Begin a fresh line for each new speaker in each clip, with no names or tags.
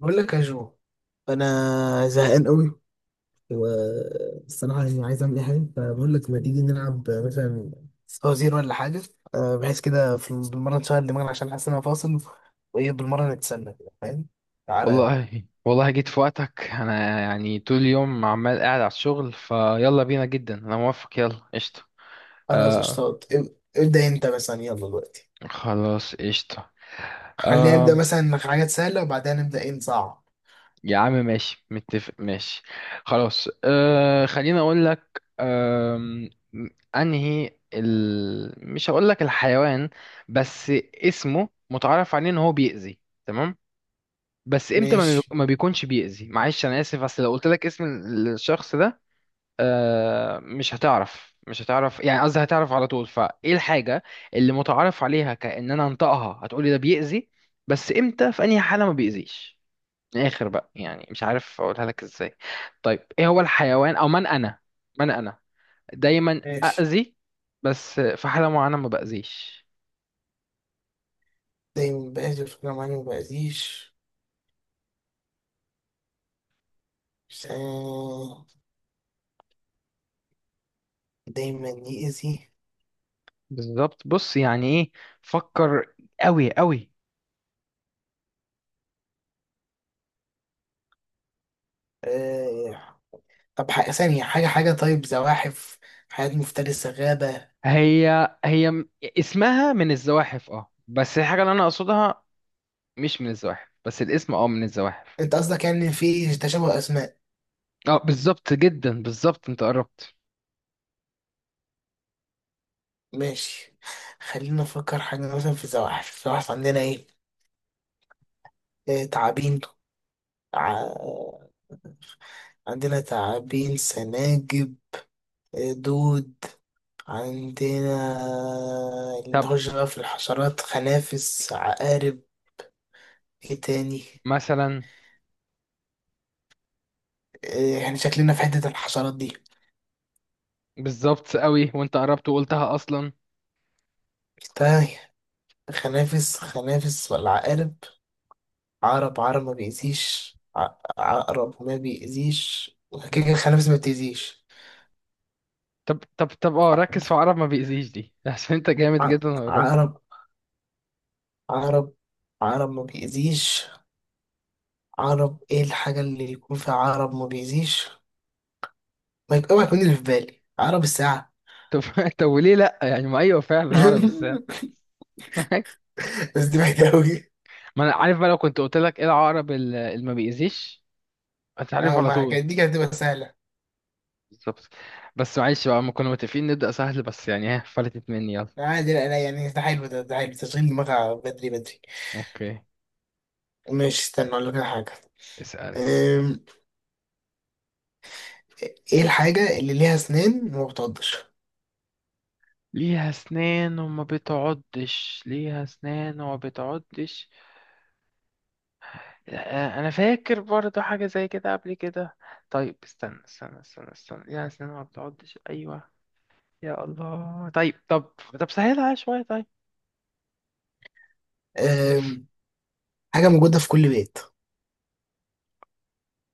بقول لك يا جو، انا زهقان قوي، والصراحه عايز اعمل اي حاجه. فبقول لك ما تيجي نلعب مثلا فوازير ولا حاجه؟ آه، بحيث كده في بالمره نشغل دماغنا عشان حاسس ان انا فاصل، وايه بالمره نتسنى كده فاهم. تعالى.
والله والله جيت في وقتك، انا يعني طول اليوم عمال قاعد على الشغل، فيلا بينا جدا، انا موافق، يلا قشطة.
خلاص
آه.
اشتاط. ابدا انت مثلا، يلا دلوقتي.
خلاص قشطة.
خلينا
آه.
نبدا مثلا حاجات سهله، وبعدها نبدا ايه نصعب.
يا عم ماشي، متفق ماشي. خلاص آه، خليني اقول لك. آه، انهي مش هقول لك الحيوان، بس اسمه متعرف عليه ان هو بيأذي، تمام؟ بس امتى
ماشي.
ما بيكونش بيأذي. معلش انا اسف، اصل لو قلت لك اسم الشخص ده، آه، مش هتعرف مش هتعرف، يعني قصدي هتعرف على طول، فايه الحاجة اللي متعارف عليها كأن انا انطقها هتقولي ده بيأذي، بس امتى في انهي حالة ما بيأذيش؟ من الاخر بقى، يعني مش عارف اقولها لك ازاي. طيب ايه هو الحيوان؟ او من انا؟ من انا دايما
ماشي.
اذي، بس في حالة معينة ما بأذيش.
دايما بأذي، فكرة معايا ما بأذيش. آه، دايما يأذي.
بالظبط. بص يعني ايه، فكر قوي قوي.
طب حاجة ثانية، حاجة طيب زواحف، حياة مفترسة، غابة.
هي اسمها من الزواحف، اه، بس الحاجة اللي انا اقصدها مش من الزواحف، بس الاسم اه من الزواحف.
انت قصدك إن في تشابه اسماء؟
اه بالظبط جدا، بالظبط، انت قربت.
ماشي. خلينا نفكر حاجة مثلا. في الزواحف عندنا ايه؟ آه، تعابين. ع- عندنا تعابين، سناجب، آه، دود عندنا.
طب
نخش بقى في الحشرات: خنافس، عقارب. ايه تاني؟
مثلا.
آه، احنا شكلنا في حتة الحشرات دي.
بالظبط قوي، وانت قربت وقلتها اصلا.
طيب خنافس، خنافس ولا عقارب؟ عقرب، عقرب ما بيأذيش. عقرب ما بيأذيش. كده
مم.
كده الخنافس ما بتأذيش.
طب طب، اه
ع-
ركز في عقرب ما بيأذيش دي عشان انت جامد
ع-
جدا وقربت.
عقرب، عقرب عقرب ما بيأذيش. عقرب، ايه الحاجة اللي يكون فيها عقرب ما بيأذيش؟ ما يبقى ما يكون اللي في بالي عقرب الساعة.
طب طب وليه لا؟ يعني ما، ايوه فعلا، هعرف ازاي؟
بس دي بعيدة أوي.
ما انا عارف بقى، لو كنت قلت لك ايه العقرب اللي ما بيأذيش، هتعرف
اه
على
ما
طول.
كانت دي كانت هتبقى سهلة.
بالظبط. بس معلش بقى، ما كنا متفقين نبدأ سهل، بس يعني ها، فلتت مني، يلا.
عادي، لا لا، ده حلو، ده حلو، تشغيل دماغها بدري بدري.
اوكي،
ماشي، استنى أقول لك على حاجة.
اسأل.
أم، ايه الحاجة اللي ليها أسنان وما بتعضش؟
ليها اسنان وما بتعضش؟ ليها اسنان وما بتعضش؟ آه، آه، انا فاكر برضو حاجه زي كده قبل كده. طيب استنى استنى، ليها اسنان وما بتعضش، ايوه. يا الله، طيب طب، طب سهلها عليا شويه. طيب
حاجة موجودة في كل بيت.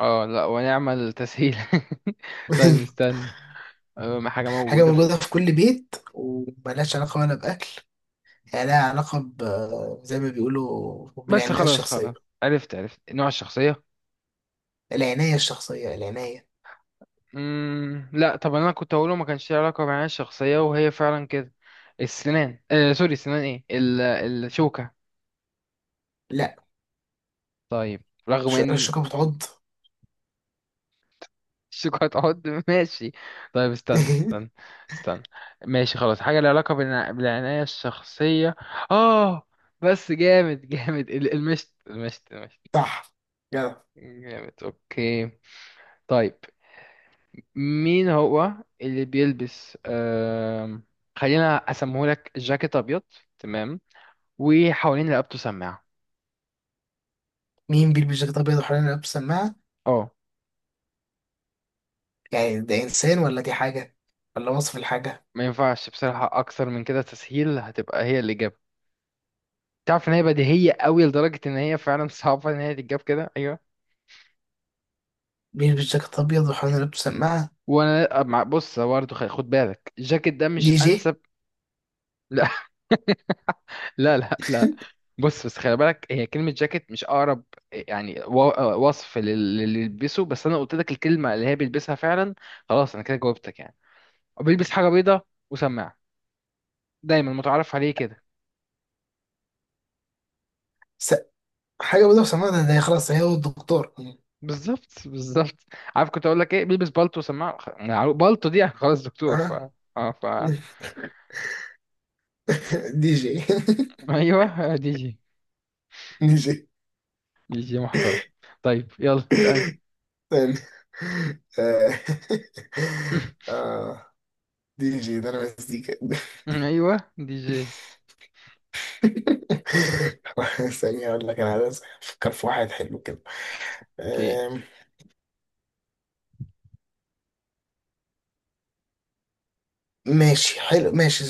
اه، لا ونعمل تسهيل. طيب استنى. آه، ما حاجه
حاجة
موجوده في...
موجودة في كل بيت وملهاش علاقة ولا بأكل. يعني لها علاقة ب زي ما بيقولوا
بس
بالعناية
خلاص
الشخصية،
خلاص، عرفت عرفت نوع الشخصيه.
العناية الشخصية، العناية.
مم... لا طب انا كنت هقوله ما كانش ليه علاقه معايا الشخصيه، وهي فعلا كده. السنان، آه سوري، السنان ايه الشوكه.
لا،
طيب، رغم
مش
ان
الشوكة بتعض.
الشوكه هتقعد. ماشي. طيب استنى استنى استنى. ماشي، خلاص، حاجه لها علاقه بالعنايه الشخصيه. اه، بس جامد جامد، المشت المشت.
صح، جدع.
جامد، اوكي. طيب مين هو اللي بيلبس خلينا اسمهولك جاكيت ابيض، تمام، وحوالين رقبته سماعة.
مين بيلبس جاكيت أبيض وحوالين رقبته سماعة؟
اه،
يعني ده إنسان ولا دي حاجة، ولا وصف الحاجة؟
ما ينفعش بصراحة أكثر من كده، تسهيل هتبقى هي الإجابة. تعرف إن هي بديهية قوي لدرجة إن هي فعلا صعبة إن هي تتجاب كده، أيوه.
بيلبس جاكيت أبيض وحوالين رقبته سماعة.
وأنا مع، بص برضه، خد بالك، الجاكيت ده مش
دي جي.
أنسب. لا لا لا. بص بس خلي بالك، هي كلمة جاكيت مش أقرب، يعني وصف للي يلبسه، بس أنا قلت لك الكلمة اللي هي بيلبسها فعلا. خلاص أنا كده جاوبتك يعني. بيلبس حاجة بيضة وسماعة، دايما متعارف عليه كده.
س... حاجة بيضة وسماعة، ده ده خلاص هي والدكتور.
بالظبط بالظبط. عارف كنت اقول لك ايه؟ بيلبس بالطو وسماعه، يعني بالطو دي خلاص دكتور، ف.
أه؟
اه ف
دي جي.
ايوه، دي جي.
دي جي.
دي جي محترم. طيب يلا اسال.
استنى. آه. آه. دي جي ده انا مزيكا.
ايوه دي جي.
ثانية اقول لك، انا عايز افكر في واحد حلو كده.
اوكي.
آم، ماشي حلو، ماشي.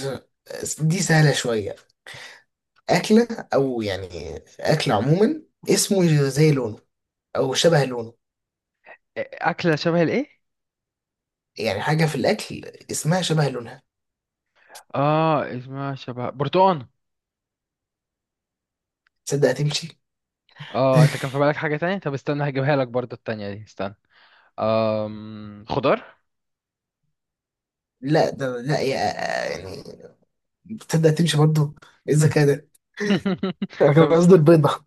دي سهلة شوية. أكلة، أو أكل عموما، اسمه زي لونه، أو شبه لونه.
اكله شبه الايه؟
يعني حاجة في الأكل اسمها شبه لونها.
اه، اسمها شبه برتقان.
تصدق هتمشي.
اه، انت كان في بالك حاجه تانية، طب استنى هجيبها لك برضو، التانية دي استنى. آم... خضار.
لا ده لا يا، يعني. تصدق هتمشي برضه؟ إيه الذكاء ده! أنا كان
طب
قصدي البيضة.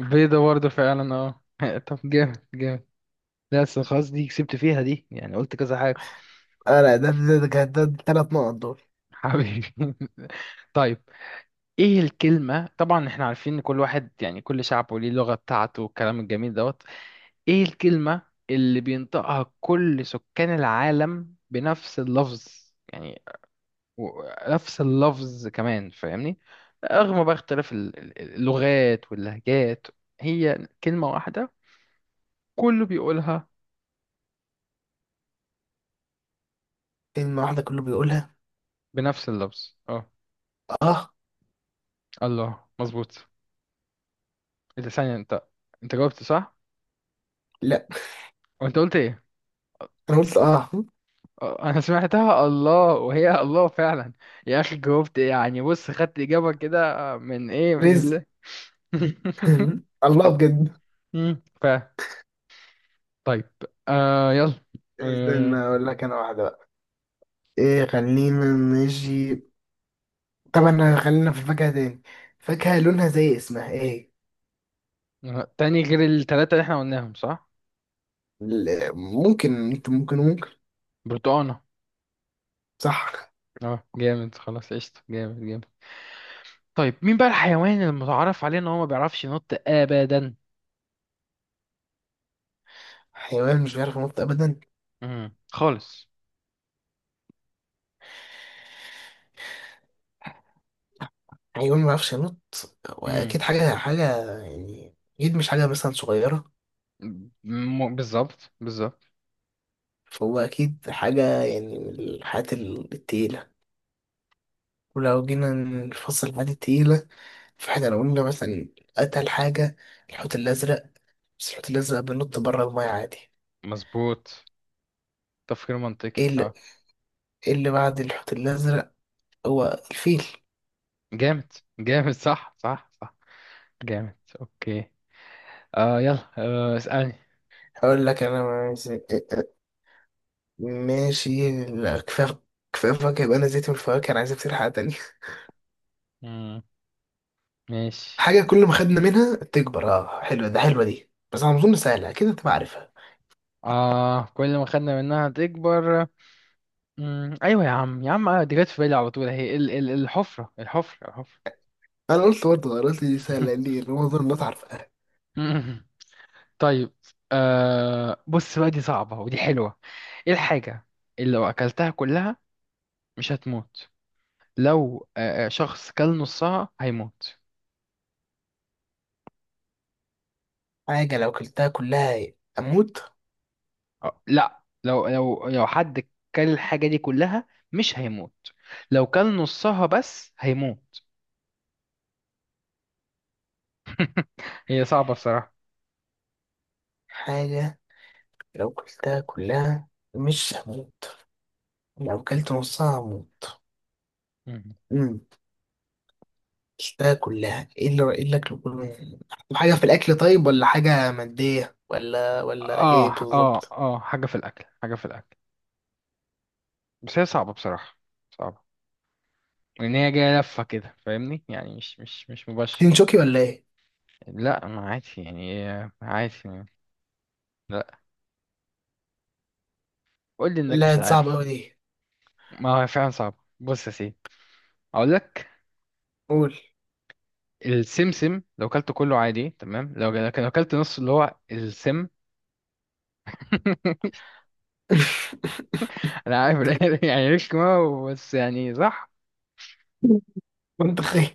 بيضه برضو فعلا، اه طب جامد جامد. لا بس خلاص، دي كسبت فيها دي، يعني قلت كذا حاجه.
اه لا، ده التلات نقط دول.
حبيبي. طيب، ايه الكلمة؟ طبعا احنا عارفين ان كل واحد يعني كل شعب وليه اللغة بتاعته والكلام الجميل دوت. ايه الكلمة اللي بينطقها كل سكان العالم بنفس اللفظ، يعني، و- نفس اللفظ كمان، فاهمني؟ رغم بقى اختلاف اللغات واللهجات، هي كلمة واحدة كله بيقولها
كلمة واحدة كله بيقولها.
بنفس اللفظ، اه.
اه،
الله، مظبوط. ايه ده، ثانية، انت انت جاوبت صح.
لا
وانت قلت ايه؟
انا قلت اه.
آه، انا سمعتها، الله، وهي الله فعلا. يا اخي جاوبت يعني، بص خدت اجابه كده من ايه؟ من
رزق.
الله.
الله
و-
بجد.
ف طيب، آه يلا.
استنى
آه،
اقول لك انا واحدة بقى. ايه، خلينا نجي، طبعا خلينا في الفاكهة تاني. فاكهة لونها زي اسمها، ايه؟
آه، تاني غير التلاتة اللي احنا قلناهم، صح؟
ممكن انت، ممكن.
برتقانة.
صح.
اه جامد، خلاص قشطة، جامد جامد. طيب مين بقى الحيوان المتعارف عليه ان هو ما بيعرفش ينط ابدا؟
حيوان مش بيعرف ينط ابدا.
مم. خالص.
حيوان ما بيعرفش ينط،
مم.
واكيد حاجة، يعني اكيد مش حاجة مثلا صغيرة.
بالظبط بالظبط.
فهو اكيد حاجة يعني من الحاجات التقيلة. ولو جينا نفصل الحاجات التقيلة، فاحنا لو قلنا مثلا أتقل حاجة، الحوت الأزرق. بس الحوت الأزرق بينط بره المية عادي.
مظبوط، تفكير منطقي،
ايه اللي,
اه.
إيه اللي بعد الحوت الأزرق؟ هو الفيل.
جامد، جامد، صح صح صح. جامد، اوكي. آه يلا آه اسألني.
هقول لك أنا. عايز ماشي، لا، كفاية. كفاية فاكهة، يبقى أنا زيت من الفواكه. أنا عايز أفتكر حاجة تانية.
مم. ماشي.
حاجة كل ما خدنا منها تكبر. اه حلوة، حلوة دي، بس أنا أظن سهلة، أكيد أنت عارفها.
آه، كل ما خدنا منها تكبر. مم. ايوه يا عم يا عم، آه، دي جت في بالي على طول اهي، ال الحفرة الحفرة.
أنا قلت برضه، أنا قلت دي سهلة ليه؟ أنا أظن الناس عارفاها.
طيب، آه بص بقى، دي صعبة ودي حلوة. ايه الحاجة اللي لو اكلتها كلها مش هتموت، لو آه، آه، شخص كل نصها هيموت.
حاجة لو كلتها كلها أموت.
آه، لا، لو حد كل الحاجة دي كلها مش هيموت، لو كل نصها بس هيموت. هي صعبة بصراحة.
حاجة لو كلتها كلها مش هموت، لو كلت نصها هموت.
مم.
امم، كلتها كلها، ايه اللي اكله كله؟ حاجه في الاكل طيب، ولا حاجه ماديه، ولا ايه
اه اه
بالظبط؟
اه، حاجة في الأكل، حاجة في الأكل. بس هي صعبة بصراحة، صعبة، لأن هي جاية لفة كده، فاهمني؟ يعني مش مباشر.
تنشوكي ولا ايه؟
لا ما عادي يعني، إيه، عادي يعني. لا، قول لي إنك
لا
مش
دي صعبه
عارف.
قوي دي.
ما هو فعلا صعبة. بص يا سيدي، أقول لك.
قول.
السمسم، لو كلته كله عادي تمام، لو، لكن لو كلت نص اللي هو السم. انا عارف إن يعني ليش كمان، بس يعني صح.
وانت خايف.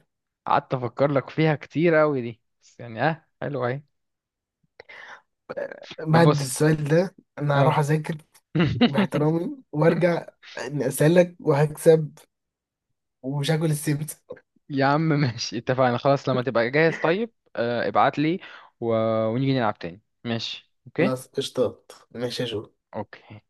قعدت افكر لك فيها كتير قوي دي، بس يعني اه حلوه اهي. طب
بعد
بص،
السؤال ده انا هروح
اه.
اذاكر باحترامي وارجع، إني اسالك وهكسب ومش هاكل السبت.
يا عم ماشي، اتفقنا خلاص، لما تبقى جاهز طيب آه، ابعت لي و... ونيجي نلعب تاني، ماشي؟ اوكي.
خلاص قشطات، ماشي يا جو.
اوكي.